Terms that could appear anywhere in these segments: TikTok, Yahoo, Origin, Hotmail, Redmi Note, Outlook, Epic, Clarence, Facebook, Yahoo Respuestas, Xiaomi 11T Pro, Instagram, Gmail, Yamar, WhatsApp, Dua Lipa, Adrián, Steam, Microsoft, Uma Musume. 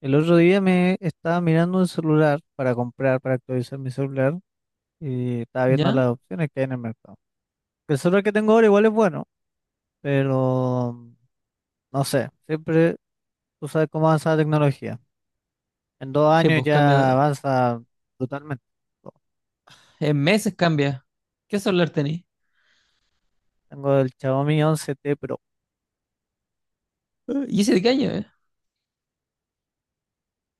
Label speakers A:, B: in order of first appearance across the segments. A: El otro día me estaba mirando un celular para comprar, para actualizar mi celular y estaba viendo
B: ¿Ya?
A: las opciones que hay en el mercado. El celular que tengo ahora igual es bueno, pero no sé, siempre tú sabes cómo avanza la tecnología. En dos
B: Sí,
A: años
B: pues
A: ya
B: cambia.
A: avanza brutalmente.
B: En meses cambia. ¿Qué celular tenés?
A: Tengo el Xiaomi 11T Pro.
B: ¿Y ese de qué año?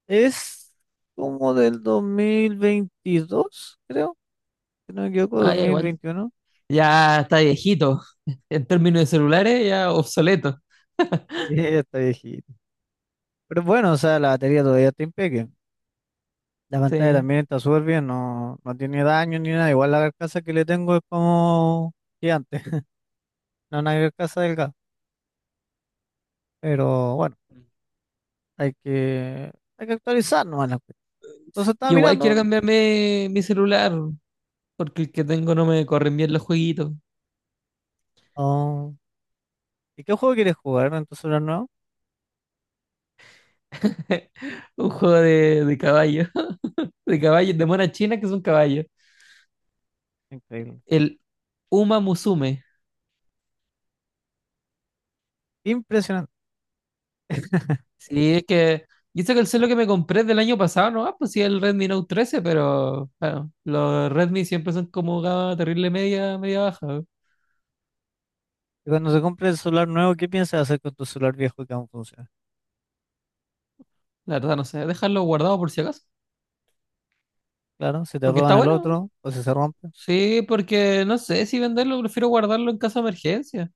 A: Es como del 2022, creo, si no me equivoco,
B: Ah, ya, igual.
A: 2021.
B: Ya está viejito. En términos de celulares, ya obsoleto.
A: Ya está viejito. Pero bueno, o sea, la batería todavía está impecable. La pantalla
B: Sí.
A: también está súper bien, no, no tiene daño ni nada. Igual la carcasa que le tengo es como gigante, no una carcasa delgada. Pero bueno, hay que actualizar nomás la cuestión. Entonces estaba
B: Yo igual quiero
A: mirando.
B: cambiarme mi celular, porque el que tengo no me corren bien los jueguitos.
A: Oh, ¿y qué juego quieres jugar en tu celular nuevo?
B: Un juego de caballo. De caballos, de monas chinas que son caballos.
A: Increíble.
B: El Uma Musume.
A: Impresionante.
B: Sí, es que. Y eso que el celular que me compré del año pasado, no, ah, pues sí, el Redmi Note 13, pero bueno, los Redmi siempre son como gama terrible media, media baja.
A: Y cuando se compre el celular nuevo, ¿qué piensas hacer con tu celular viejo que aún funciona?
B: La verdad, no sé, dejarlo guardado por si acaso.
A: Claro, si te
B: Porque está
A: roban el
B: bueno.
A: otro o si se rompe.
B: Sí, porque no sé si venderlo, prefiero guardarlo en caso de emergencia.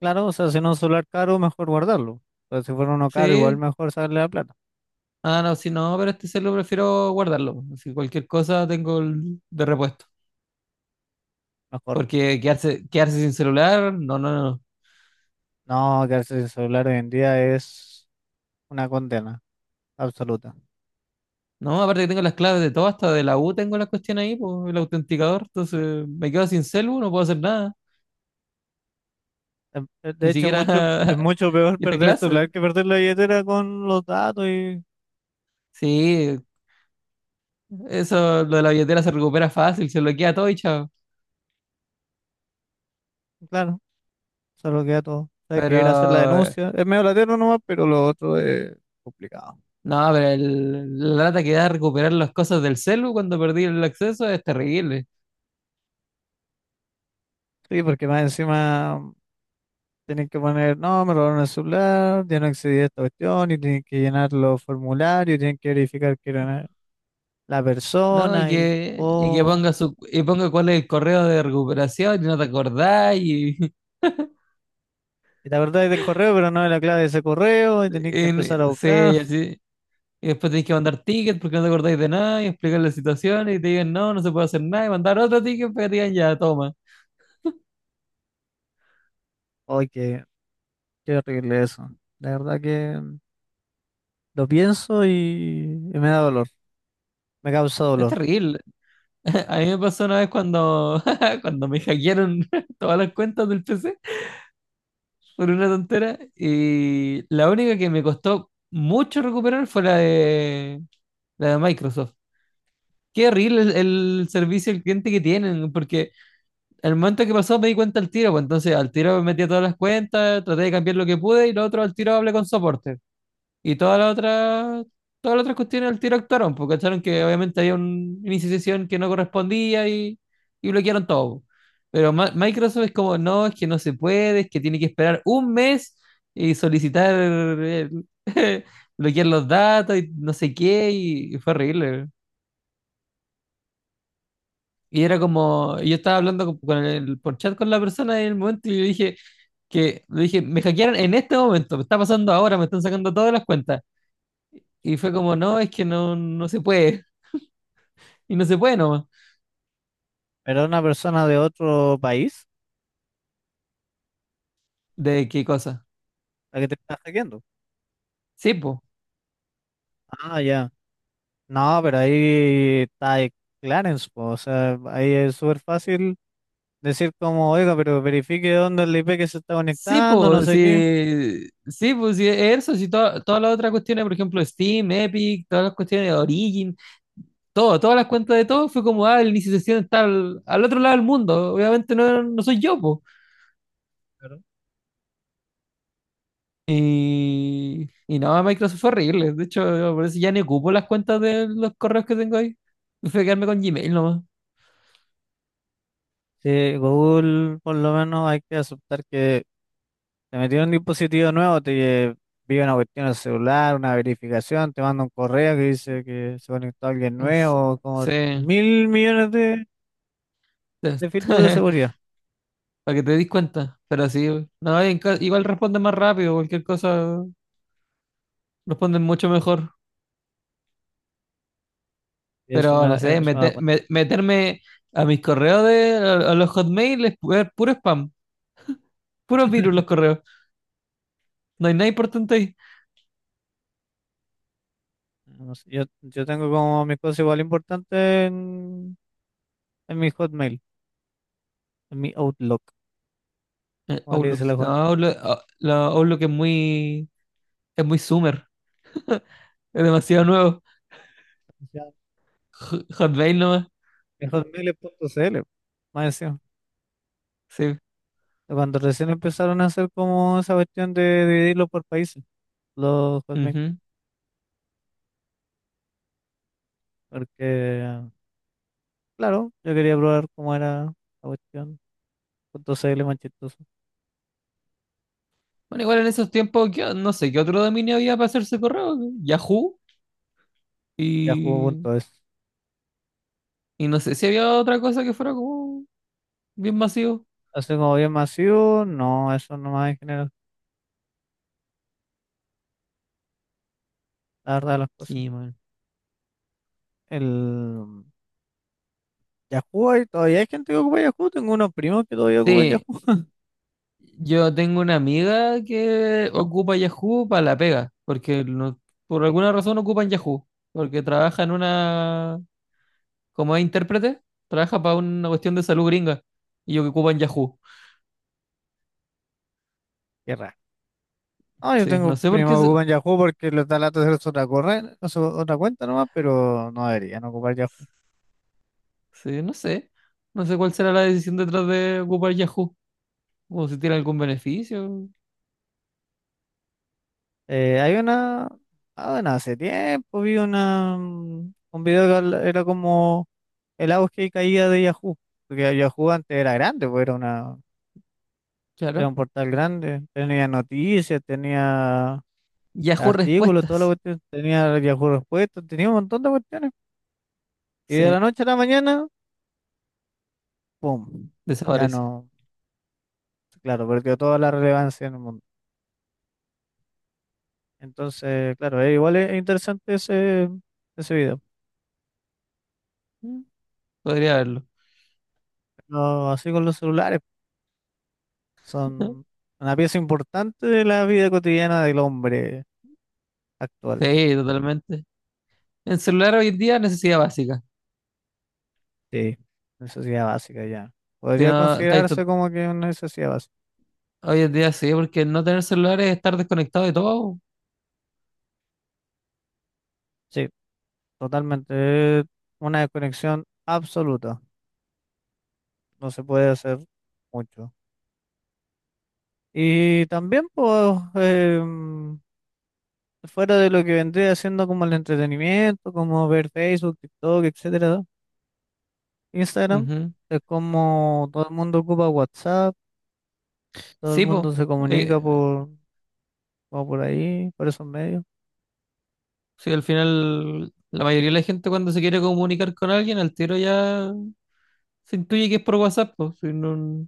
A: Claro, o sea, si no es un celular caro, mejor guardarlo. Pero si fuera uno caro, igual
B: Sí.
A: mejor sacarle la plata.
B: Ah, no, si no, pero este celular prefiero guardarlo. Si cualquier cosa, tengo el de repuesto.
A: Mejor.
B: Porque quedarse sin celular, no, no, no.
A: No, quedarse sin celular hoy en día es una condena absoluta.
B: No, aparte que tengo las claves de todo, hasta de la U tengo la cuestión ahí, pues, el autenticador. Entonces me quedo sin celu, no puedo hacer nada.
A: De
B: Ni
A: hecho,
B: siquiera
A: mucho, es mucho peor
B: ir a
A: perder el
B: clase.
A: celular que perder la billetera con los datos y,
B: Sí, eso, lo de la billetera se recupera fácil, se bloquea todo y chao.
A: claro, se lo queda todo. Hay que
B: Pero
A: ir a hacer la denuncia. Es medio latero nomás, pero lo otro es complicado.
B: no, pero la lata que da recuperar las cosas del celu cuando perdí el acceso es terrible.
A: Sí, porque más encima tienen que poner, no, me robaron el celular, ya no accedí a esta cuestión, y tienen que llenar los formularios, tienen que verificar que era la
B: No, y
A: persona, y,
B: que, y que
A: oh.
B: ponga su, y ponga cuál es el correo de recuperación y no te acordás y,
A: Y te acordás del correo, pero no de la clave de ese correo, y tenés que empezar a
B: y
A: buscar.
B: se, y después tenéis que mandar tickets porque no te acordáis de nada y explicar la situación y te digan no, no se puede hacer nada, y mandar otro ticket para que te digan ya, toma.
A: Ay, qué, qué horrible eso. La verdad que lo pienso y me da dolor, me causa
B: Es
A: dolor.
B: terrible. A mí me pasó una vez cuando, cuando me hackearon todas las cuentas del PC por una tontera, y la única que me costó mucho recuperar fue la de Microsoft. Qué horrible el servicio al cliente que tienen, porque al momento que pasó me di cuenta al tiro, pues entonces al tiro me metí a todas las cuentas, traté de cambiar lo que pude, y lo otro al tiro hablé con soporte. Y todas las otras, todas las otras cuestiones al tiro actuaron, porque acharon que obviamente había un inicio de sesión que no correspondía, y, bloquearon todo. Pero Microsoft es como, no, es que no se puede, es que tiene que esperar un mes y solicitar, bloquear los datos y no sé qué, y fue horrible. Y era como, yo estaba hablando con por chat con la persona en el momento, y le dije que, le dije, me hackearon en este momento, me está pasando ahora, me están sacando todas las cuentas. Y fue como, no, es que no, no se puede. Y no se puede nomás.
A: Pero una persona de otro país,
B: ¿De qué cosa?
A: la que te está hackeando.
B: Sí, pues.
A: Ah, ya. No, pero ahí está el Clarence, po, o sea, ahí es súper fácil decir como, oiga, pero verifique dónde es el IP que se está conectando, no sé qué.
B: Sí, pues, sí, eso, sí, todas las otras cuestiones, por ejemplo, Steam, Epic, todas las cuestiones de Origin, todo, todas las cuentas de todo, fue como, ah, el inicio de sesión está al otro lado del mundo, obviamente no, no soy yo, pues.
A: Claro.
B: Y no, Microsoft fue horrible, de hecho, yo por eso ya ni ocupo las cuentas de los correos que tengo ahí, prefiero quedarme con Gmail nomás.
A: Sí, Google, por lo menos hay que aceptar que te metieron un dispositivo nuevo, te envía una cuestión al celular, una verificación, te manda un correo que dice que se conectó alguien
B: No sé.
A: nuevo, como
B: Sí.
A: mil millones de filtros de seguridad.
B: Para que te des cuenta. Pero sí, no, y en igual responden más rápido, cualquier cosa responden mucho mejor.
A: Y
B: Pero no sé,
A: eso me da cuenta.
B: meterme a mis correos a los Hotmail es puro spam, puro virus los correos. No hay nada importante ahí.
A: No sé, yo tengo como mis cosas igual importantes en mi Hotmail, en mi Outlook, como le dice
B: Outlook,
A: la
B: no,
A: gente.
B: Outlook, ah, la Outlook es muy, es muy Summer, es demasiado nuevo. Hotmail nomás,
A: Mi Hotmail es punto CL, más encima.
B: sí.
A: Cuando recién empezaron a hacer como esa cuestión de dividirlo por países, los Hotmail,
B: Ujú.
A: porque claro, yo quería probar cómo era la cuestión. Punto C L más chistoso.
B: Bueno, igual en esos tiempos, no sé qué otro dominio había para hacerse correo. Yahoo,
A: Ya .cl manchistoso.
B: y
A: Yahoo.es.
B: y no sé si había otra cosa que fuera como bien masivo.
A: Así como bien masivo, no, eso nomás en general, la verdad de las cosas.
B: Sí, man.
A: El Yahoo, todavía hay gente que ocupa Yahoo, tengo unos primos que todavía ocupan Yahoo.
B: Sí, yo tengo una amiga que ocupa Yahoo para la pega, porque por alguna razón ocupan Yahoo, porque trabaja en una, como es intérprete, trabaja para una cuestión de salud gringa, y yo que ocupan Yahoo.
A: Qué raro. No, yo
B: Sí, no
A: tengo
B: sé por
A: primos
B: qué,
A: que ocupan Yahoo porque les da lata hacer otra cuenta nomás, pero no deberían ocupar Yahoo.
B: sí, no sé, no sé cuál será la decisión detrás de ocupar Yahoo, o si tiene algún beneficio,
A: Eh, hay una, ah, bueno, hace tiempo vi un era como el auge y caída de Yahoo, porque Yahoo antes era grande, pues era
B: claro.
A: un portal grande, tenía noticias, tenía
B: Yahoo
A: artículos, todo lo
B: Respuestas,
A: cuestión, tenía Yahoo Respuestas, tenía un montón de cuestiones. Y de
B: sí,
A: la noche a la mañana, ¡pum! Ya
B: desapareció.
A: no, claro, perdió toda la relevancia en el mundo. Entonces, claro, es igual es interesante ese video.
B: Mm. Podría haberlo.
A: Pero así con los celulares, son una pieza importante de la vida cotidiana del hombre actual.
B: Sí, totalmente. El celular hoy en día es necesidad básica.
A: Sí, necesidad básica ya.
B: Que
A: Podría
B: no, está ahí
A: considerarse como que una necesidad básica.
B: hoy en día sí, porque no tener celular es estar desconectado de todo.
A: Sí, totalmente. Una desconexión absoluta. No se puede hacer mucho. Y también, pues, fuera de lo que vendría haciendo como el entretenimiento, como ver Facebook, TikTok, etcétera, Instagram,
B: Ujú.
A: es como todo el mundo ocupa WhatsApp, todo el
B: Sí,
A: mundo
B: po.
A: se
B: Eh,
A: comunica por, como por ahí, por esos medios.
B: sí, al final, la mayoría de la gente cuando se quiere comunicar con alguien, al tiro ya se intuye que es por WhatsApp, po. Si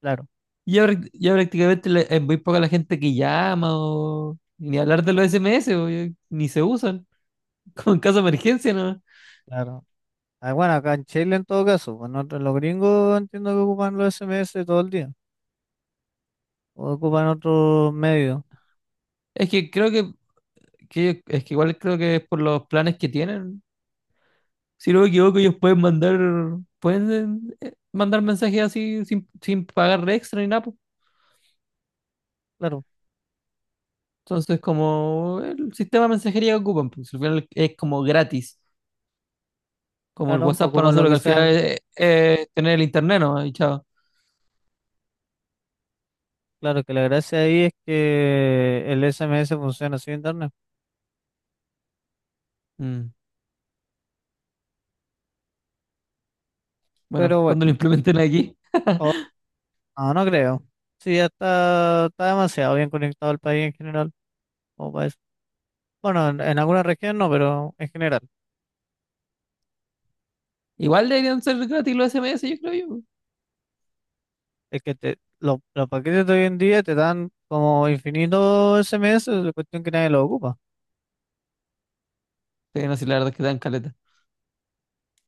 A: Claro.
B: ya, ya prácticamente es muy poca la gente que llama, o ni hablar de los SMS, po, ya ni se usan. Como en caso de emergencia, ¿no?
A: Claro. Ah, bueno, acá en Chile en todo caso, pues nosotros los gringos entiendo que ocupan los SMS todo el día, o ocupan otros medios,
B: Es que creo que, es que igual creo que es por los planes que tienen. Si no me equivoco, ellos pueden mandar, pueden, mandar mensajes así sin pagar extra ni nada, pues.
A: claro,
B: Entonces, como el sistema de mensajería que ocupan, pues al final es como gratis, como el
A: claro,
B: WhatsApp para
A: ocupan lo
B: nosotros, que
A: que
B: al final
A: sean,
B: es tener el internet, ¿no? Y chao.
A: claro que la gracia ahí es que el SMS funciona sin internet,
B: Mm. Bueno,
A: pero
B: cuando lo
A: bueno,
B: implementen aquí,
A: o- no, no creo, sí, ya está, está demasiado bien conectado el país en general, como para eso. Bueno, en alguna región no, pero en general,
B: igual deberían ser gratis los SMS, yo creo yo.
A: es que los paquetes de hoy en día te dan como infinito SMS, la cuestión que nadie lo ocupa.
B: Sí, no, sí, la verdad es que dan caleta.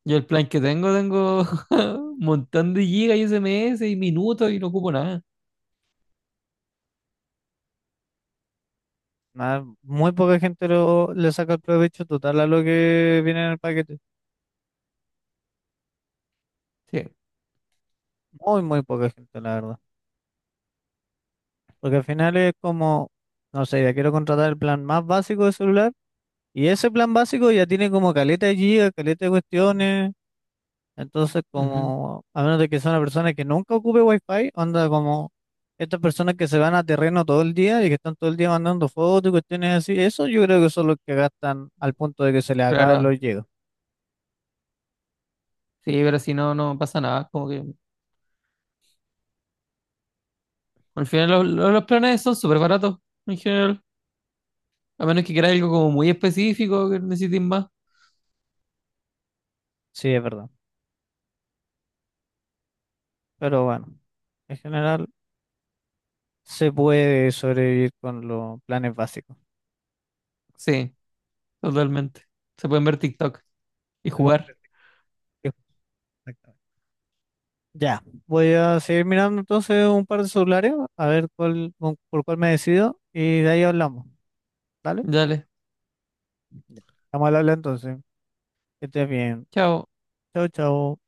B: Yo el plan que tengo, tengo un montón de gigas y SMS y minutos, y no ocupo nada.
A: Nada, muy poca gente le saca el provecho total a lo que viene en el paquete.
B: Sí.
A: Muy, muy poca gente, la verdad. Porque al final es como, no sé, ya quiero contratar el plan más básico de celular y ese plan básico ya tiene como caleta de gigas, caleta de cuestiones. Entonces,
B: Ujú.
A: como, a menos de que sea una persona que nunca ocupe wifi, onda como estas personas que se van a terreno todo el día y que están todo el día mandando fotos y cuestiones así, eso yo creo que son los que gastan al punto de que se les acaban
B: Claro.
A: los gigas.
B: Sí, pero si no, no pasa nada. Como que al final los planes son súper baratos en general. A menos que quieras algo como muy específico que necesites más.
A: Sí, es verdad. Pero bueno. En general, se puede sobrevivir con los planes básicos.
B: Sí, totalmente. Se pueden ver TikTok y
A: Se vuelve
B: jugar.
A: efectivo, exactamente. Ya, voy a seguir mirando entonces un par de celulares, a ver cuál, por cuál me decido y de ahí hablamos. ¿Vale?
B: Dale,
A: Ya. Vamos a hablar entonces. Que estés bien.
B: chao.
A: Chao, chao.